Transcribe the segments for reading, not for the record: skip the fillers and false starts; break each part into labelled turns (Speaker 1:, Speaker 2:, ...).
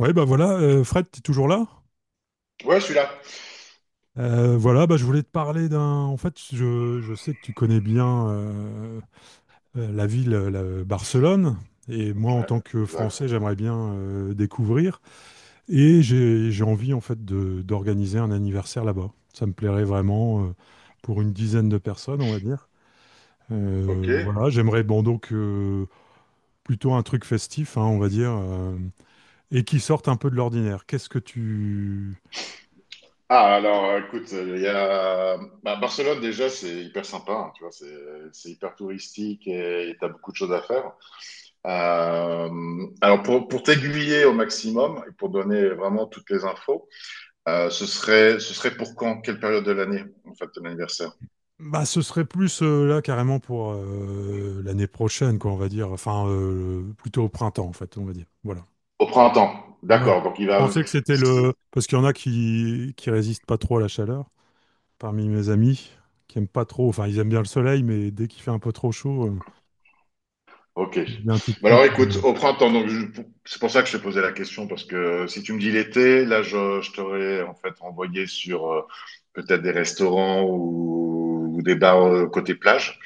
Speaker 1: Ouais, bah voilà, Fred, tu es toujours là?
Speaker 2: Ouais, je suis là.
Speaker 1: Voilà, bah, je voulais te parler d'un. En fait, je sais que tu connais bien la ville, Barcelone, et moi, en
Speaker 2: Ouais,
Speaker 1: tant que
Speaker 2: exact.
Speaker 1: Français, j'aimerais bien découvrir. Et j'ai envie, en fait, d'organiser un anniversaire là-bas. Ça me plairait vraiment pour une dizaine de personnes, on va dire.
Speaker 2: Ok.
Speaker 1: Voilà, j'aimerais, bon, donc, plutôt un truc festif, hein, on va dire, et qui sorte un peu de l'ordinaire. Qu'est-ce que tu
Speaker 2: Écoute, il y a... Barcelone, déjà, c'est hyper sympa, hein, tu vois, c'est hyper touristique et t'as beaucoup de choses à faire. Pour t'aiguiller au maximum et pour donner vraiment toutes les infos, ce serait pour quand? Quelle période de l'année, en fait, ton anniversaire?
Speaker 1: Bah, ce serait plus là carrément pour l'année prochaine, quoi, on va dire. Enfin, plutôt au printemps, en fait, on va dire. Voilà.
Speaker 2: Au printemps.
Speaker 1: Ouais.
Speaker 2: D'accord, donc il
Speaker 1: Je
Speaker 2: va...
Speaker 1: pensais que c'était le... Parce qu'il y en a qui résistent pas trop à la chaleur, parmi mes amis, qui aiment pas trop... Enfin, ils aiment bien le soleil, mais dès qu'il fait un peu trop chaud,
Speaker 2: Ok.
Speaker 1: ils viennent tout de
Speaker 2: Bah
Speaker 1: suite.
Speaker 2: alors écoute, au printemps, c'est pour ça que je te posais la question, parce que si tu me dis l'été, je t'aurais en fait envoyé sur peut-être des restaurants ou des bars côté plage,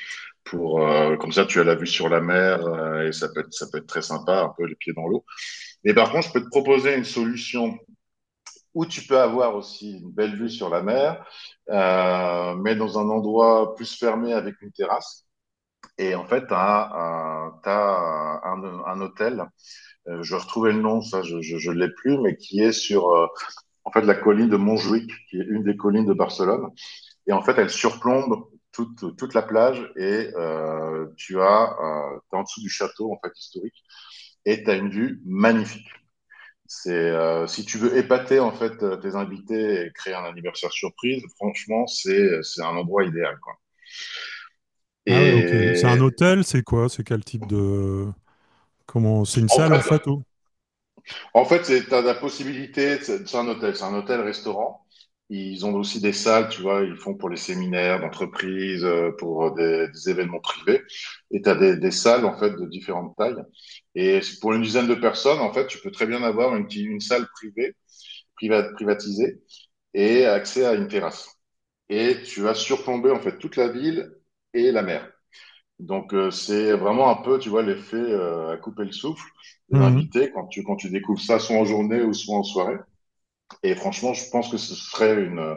Speaker 2: pour comme ça tu as la vue sur la mer et ça peut être très sympa, un peu les pieds dans l'eau. Mais par contre, je peux te proposer une solution où tu peux avoir aussi une belle vue sur la mer, mais dans un endroit plus fermé avec une terrasse. Et en fait, un hôtel, je retrouvais le nom, je l'ai plus, mais qui est sur en fait la colline de Montjuïc, qui est une des collines de Barcelone. Et en fait, elle surplombe toute la plage et tu as t'es en dessous du château en fait historique et t'as une vue magnifique. C'est si tu veux épater en fait tes invités et créer un anniversaire surprise, franchement, c'est un endroit idéal quoi.
Speaker 1: Ah ouais, ok. C'est un
Speaker 2: Et
Speaker 1: hôtel, c'est quoi? C'est quel type de... Comment... C'est une
Speaker 2: en
Speaker 1: salle, en
Speaker 2: fait,
Speaker 1: fait,
Speaker 2: En fait, tu as la possibilité, c'est un hôtel, c'est un hôtel-restaurant. Ils ont aussi des salles, tu vois, ils font pour les séminaires d'entreprise, pour des événements privés. Et tu as des salles, en fait, de différentes tailles. Et pour une dizaine de personnes, en fait, tu peux très bien avoir une salle privée, privatisée, et accès à une terrasse. Et tu vas surplomber, en fait, toute la ville et la mer. Donc, c'est vraiment un peu, tu vois, l'effet à couper le souffle des
Speaker 1: ou...
Speaker 2: invités quand tu découvres ça, soit en journée ou soit en soirée. Et franchement, je pense que ce serait une, euh,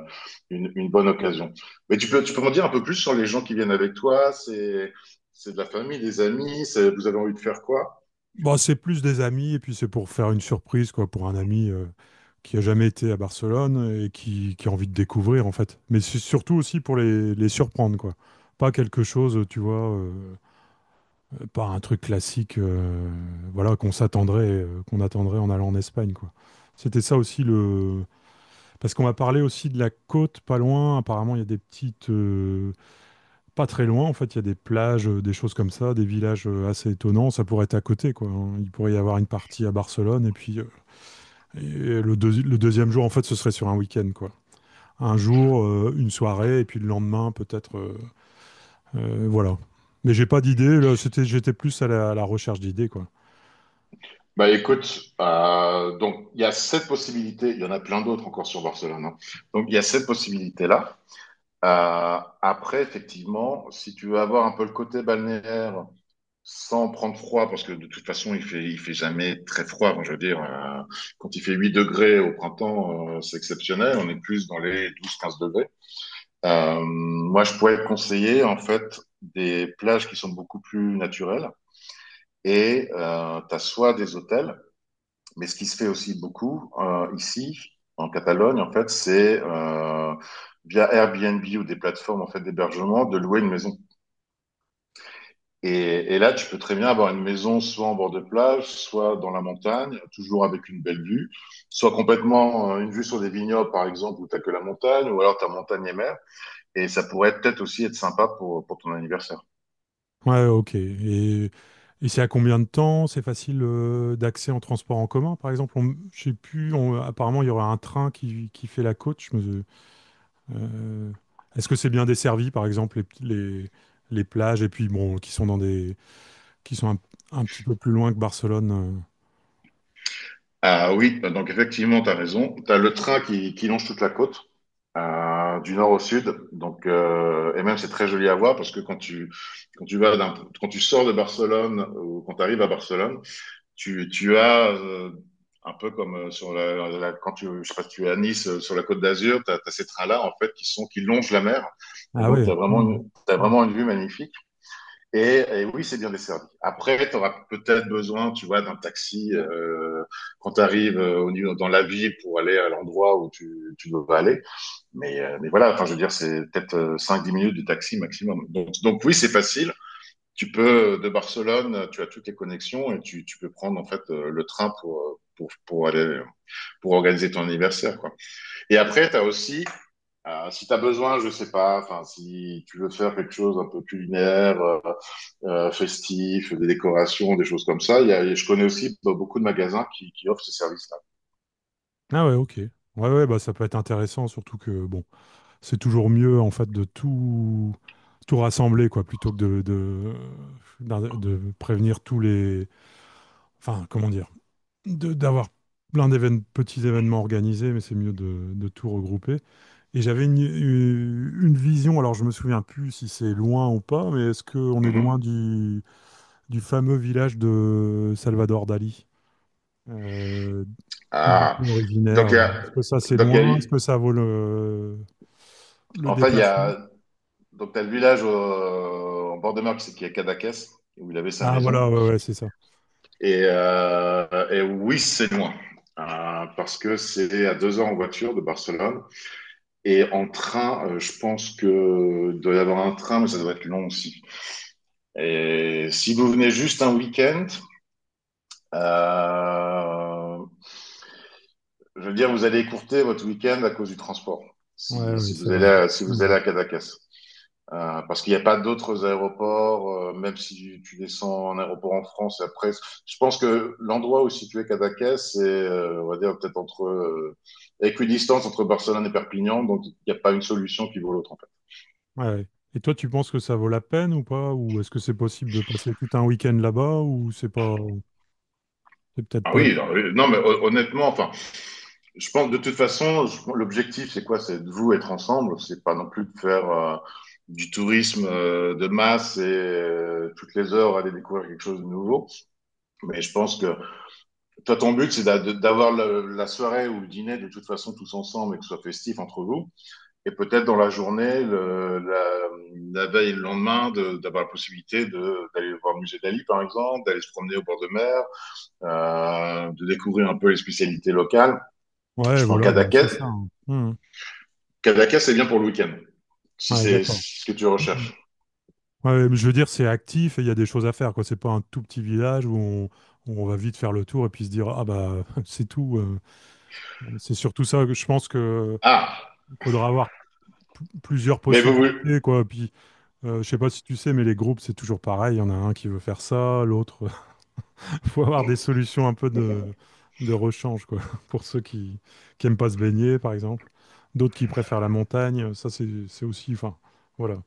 Speaker 2: une, une bonne occasion. Mais tu peux m'en dire un peu plus sur les gens qui viennent avec toi? C'est de la famille, des amis? Vous avez envie de faire quoi?
Speaker 1: Bon, c'est plus des amis, et puis c'est pour faire une surprise, quoi, pour un ami qui a jamais été à Barcelone et qui a envie de découvrir, en fait. Mais c'est surtout aussi pour les surprendre, quoi. Pas quelque chose, tu vois, pas un truc classique, voilà, qu'on s'attendrait, qu'on attendrait en allant en Espagne, quoi. C'était ça aussi le... Parce qu'on m'a parlé aussi de la côte, pas loin. Apparemment, il y a des petites... pas très loin, en fait, il y a des plages, des choses comme ça, des villages assez étonnants. Ça pourrait être à côté, quoi. Hein. Il pourrait y avoir une partie à Barcelone, et puis le deuxième jour, en fait, ce serait sur un week-end, quoi. Un jour, une soirée, et puis le lendemain, peut-être, voilà. Mais j'ai pas d'idée. Là, c'était, j'étais plus à la recherche d'idées, quoi.
Speaker 2: Bah écoute, donc il y a cette possibilité, il y en a plein d'autres encore sur Barcelone, hein. Donc il y a cette possibilité-là. Après, effectivement, si tu veux avoir un peu le côté balnéaire, sans prendre froid, parce que de toute façon, il fait jamais très froid. Enfin, je veux dire, quand il fait 8 degrés au printemps, c'est exceptionnel. On est plus dans les 12, 15 degrés. Moi, je pourrais conseiller, en fait, des plages qui sont beaucoup plus naturelles. Et tu as soit des hôtels, mais ce qui se fait aussi beaucoup ici, en Catalogne, en fait, c'est via Airbnb ou des plateformes en fait, d'hébergement, de louer une maison. Et là, tu peux très bien avoir une maison soit en bord de plage, soit dans la montagne, toujours avec une belle vue, soit complètement une vue sur des vignobles, par exemple, où t'as que la montagne, ou alors t'as montagne et mer. Et ça pourrait peut-être aussi être sympa pour ton anniversaire.
Speaker 1: Ouais, ok. Et c'est à combien de temps? C'est facile d'accès en transport en commun, par exemple? On- Je sais plus. On- apparemment, il y aura un train qui fait la côte. Je me, Euh, est-ce que c'est bien desservi, par exemple, les, les plages, et puis bon, qui sont dans des, qui sont un petit peu plus loin que Barcelone.
Speaker 2: Ah oui, donc effectivement, t'as raison. T'as le train qui longe toute la côte, du nord au sud, donc et même c'est très joli à voir parce que quand tu vas d'un quand tu sors de Barcelone ou quand tu arrives à Barcelone, tu as, un peu comme sur quand tu, je sais pas si tu es à Nice, sur la Côte d'Azur, tu as ces trains-là, en fait, qui longent la mer. Et
Speaker 1: Ah
Speaker 2: donc,
Speaker 1: ouais.
Speaker 2: tu as vraiment
Speaker 1: Hmm,
Speaker 2: une, t'as
Speaker 1: ouais.
Speaker 2: vraiment une vue magnifique. Et oui, c'est bien desservi. Après, tu auras peut-être besoin, tu vois, d'un taxi quand tu arrives dans la ville pour aller à l'endroit tu dois aller. Mais voilà, enfin, je veux dire, c'est peut-être 5-10 minutes de taxi maximum. Donc oui, c'est facile, de Barcelone, tu as toutes les connexions et tu peux prendre en fait le train pour aller, pour organiser ton anniversaire, quoi. Et après, t'as aussi, si t'as besoin, je sais pas, enfin, si tu veux faire quelque chose un peu culinaire, festif, des décorations, des choses comme ça, je connais aussi beaucoup de magasins qui offrent ces services-là.
Speaker 1: Ah ouais, ok. Ouais, ouais, bah ça peut être intéressant, surtout que bon, c'est toujours mieux en fait de tout, tout rassembler, quoi, plutôt que de prévenir tous les. Enfin, comment dire? D'avoir plein d'événements, petits événements organisés, mais c'est mieux de tout regrouper. Et j'avais une vision, alors je me souviens plus si c'est loin ou pas, mais est-ce qu'on est loin
Speaker 2: Mhm.
Speaker 1: du fameux village de Salvador Dali, euh, d'où
Speaker 2: Ah,
Speaker 1: il est
Speaker 2: donc
Speaker 1: originaire?
Speaker 2: il y a,
Speaker 1: Est-ce que ça c'est
Speaker 2: donc il y a,
Speaker 1: loin? Est-ce
Speaker 2: eu-
Speaker 1: que ça vaut le
Speaker 2: en fait, il y
Speaker 1: déplacement?
Speaker 2: a, donc t'as le village en bord de mer qui est Cadaqués, où il avait sa
Speaker 1: Ah
Speaker 2: maison.
Speaker 1: voilà, ouais, ouais, c'est ça.
Speaker 2: Et oui, c'est loin. Parce que c'est à 2 heures en voiture de Barcelone. Et en train, je pense que il doit y avoir un train, mais ça doit être long aussi. Et si vous venez juste un week-end, euh, je veux dire, vous allez écourter votre week-end à cause du transport.
Speaker 1: Ouais, ouais,
Speaker 2: Si
Speaker 1: c'est
Speaker 2: vous allez
Speaker 1: vrai.
Speaker 2: si vous allez
Speaker 1: Mhm.
Speaker 2: à Cadaqués. Parce qu'il n'y a pas d'autres aéroports, même si tu descends en aéroport en France et après, je pense que l'endroit où situé Cadaqués, c'est, on va dire, peut-être entre, équidistance entre Barcelone et Perpignan, donc il n'y a pas une solution qui vaut l'autre, en fait.
Speaker 1: Ouais, ouais. Et toi, tu penses que ça vaut la peine ou pas? Ou est-ce que c'est possible de passer tout un week-end là-bas ou c'est pas... C'est peut-être
Speaker 2: Ah
Speaker 1: pas.
Speaker 2: oui, non, oui, non, mais hon- honnêtement, enfin, je pense, de toute façon, l'objectif, c'est quoi? C'est de vous être ensemble, c'est pas non plus de faire, du tourisme de masse et toutes les heures aller découvrir quelque chose de nouveau. Mais je pense que toi, ton but, c'est d'avoir la soirée ou le dîner de toute façon tous ensemble et que ce soit festif entre vous. Et peut-être dans la journée, la veille et le lendemain, d'avoir la possibilité d'aller voir le musée d'Ali, par exemple, d'aller se promener au bord de mer, de découvrir un peu les spécialités locales.
Speaker 1: Ouais,
Speaker 2: Je prends
Speaker 1: voilà, bah,
Speaker 2: Cadaqués.
Speaker 1: c'est ça. Hein. Mhm.
Speaker 2: Cadaqués, c'est bien pour le week-end, si
Speaker 1: Ouais,
Speaker 2: c'est
Speaker 1: d'accord.
Speaker 2: ce que tu
Speaker 1: Mhm.
Speaker 2: recherches.
Speaker 1: Ouais, mais je veux dire, c'est actif et il y a des choses à faire, quoi. C'est pas un tout petit village où on, où on va vite faire le tour et puis se dire, ah bah, c'est tout. C'est surtout ça que je pense que
Speaker 2: Ah,
Speaker 1: faudra avoir plusieurs
Speaker 2: mais vous, vous...
Speaker 1: possibilités, quoi. Puis, je sais pas si tu sais, mais les groupes, c'est toujours pareil. Il y en a un qui veut faire ça, l'autre. Faut avoir des solutions un peu de rechange, quoi. Pour ceux qui aiment pas se baigner, par exemple. D'autres qui préfèrent la montagne. Ça, c'est aussi. Enfin, voilà.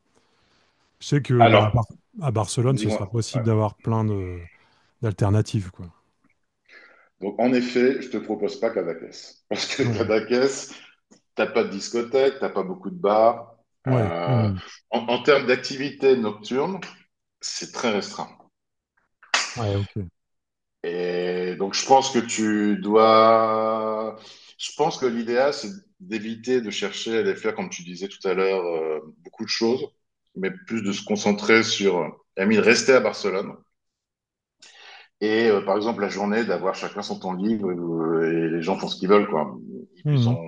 Speaker 1: Je sais que bah,
Speaker 2: Alors,
Speaker 1: À Barcelone, ce
Speaker 2: dis-moi.
Speaker 1: sera
Speaker 2: Ouais.
Speaker 1: possible d'avoir plein de d'alternatives, quoi.
Speaker 2: Donc, en effet, je te propose pas Cadaqués. Parce que
Speaker 1: Ouais.
Speaker 2: Cadaqués, t'as pas de discothèque, t'as pas beaucoup de bars.
Speaker 1: Ouais.
Speaker 2: Euh,
Speaker 1: Hmm.
Speaker 2: en termes d'activité nocturne, c'est très restreint.
Speaker 1: Ouais, ok.
Speaker 2: Et donc, je pense que tu dois. Je pense que l'idéal, c'est d'éviter de chercher à les faire, comme tu disais tout à l'heure, beaucoup de choses, mais plus de se concentrer sur. Ami, de rester à Barcelone. Par exemple, la journée, d'avoir chacun son temps libre et les gens font ce qu'ils veulent, quoi. Ils- Ils
Speaker 1: Hmm.
Speaker 2: ont...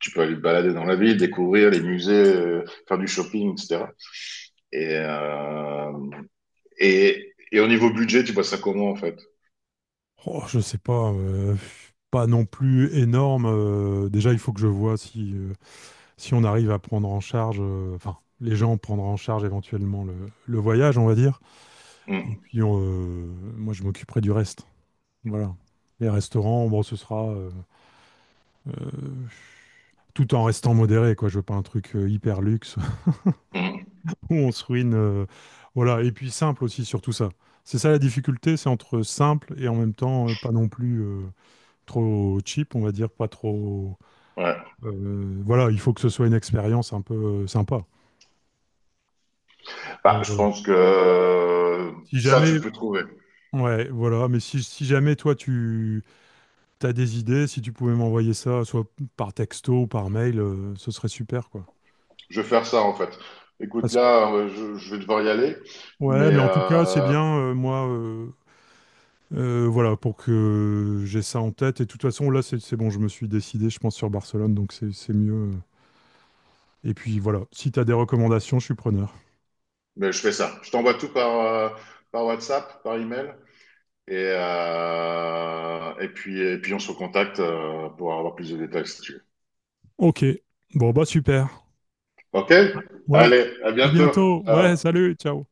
Speaker 2: Tu peux aller te balader dans la ville, découvrir les musées, faire du shopping, etc. Et, euh, et au niveau budget, tu vois ça comment en fait?
Speaker 1: Oh, je sais pas. Pas non plus énorme. Déjà, il faut que je vois si, si on arrive à prendre en charge, enfin, les gens prendront en charge éventuellement le voyage, on va dire. Et
Speaker 2: Hum,
Speaker 1: puis, on, moi, je m'occuperai du reste. Voilà. Les restaurants, bon, ce sera euh, tout en restant modéré, quoi. Je veux pas un truc hyper luxe.
Speaker 2: hum,
Speaker 1: Où on se ruine. Voilà, et puis simple aussi sur tout ça. C'est ça la difficulté, c'est entre simple et en même temps pas non plus trop cheap, on va dire, pas trop.
Speaker 2: ouais.
Speaker 1: Voilà, il faut que ce soit une expérience un peu sympa.
Speaker 2: Bah,
Speaker 1: Donc
Speaker 2: je
Speaker 1: voilà.
Speaker 2: pense que
Speaker 1: Si
Speaker 2: ça, tu
Speaker 1: jamais,
Speaker 2: peux trouver.
Speaker 1: ouais, voilà, mais si, si jamais toi tu as des idées, si tu pouvais m'envoyer ça, soit par texto ou par mail, ce serait super, quoi.
Speaker 2: Je vais faire ça en fait. Écoute,
Speaker 1: Parce que-
Speaker 2: je vais devoir y aller,
Speaker 1: ouais,
Speaker 2: mais,
Speaker 1: mais en tout cas, c'est
Speaker 2: euh,
Speaker 1: bien, moi. Voilà, pour que j'ai ça en tête. Et de toute façon, là, c'est bon, je me suis décidé, je pense, sur Barcelone, donc c'est mieux. Et puis voilà, si tu as des recommandations, je suis preneur.
Speaker 2: mais je fais ça. Je t'envoie tout par, par WhatsApp, par email, et puis on se recontacte pour avoir plus de détails si tu veux.
Speaker 1: Ok, bon, bah super.
Speaker 2: OK?
Speaker 1: Ouais,
Speaker 2: Allez, à
Speaker 1: à
Speaker 2: bientôt.
Speaker 1: bientôt. Ouais,
Speaker 2: Ciao.
Speaker 1: salut, ciao.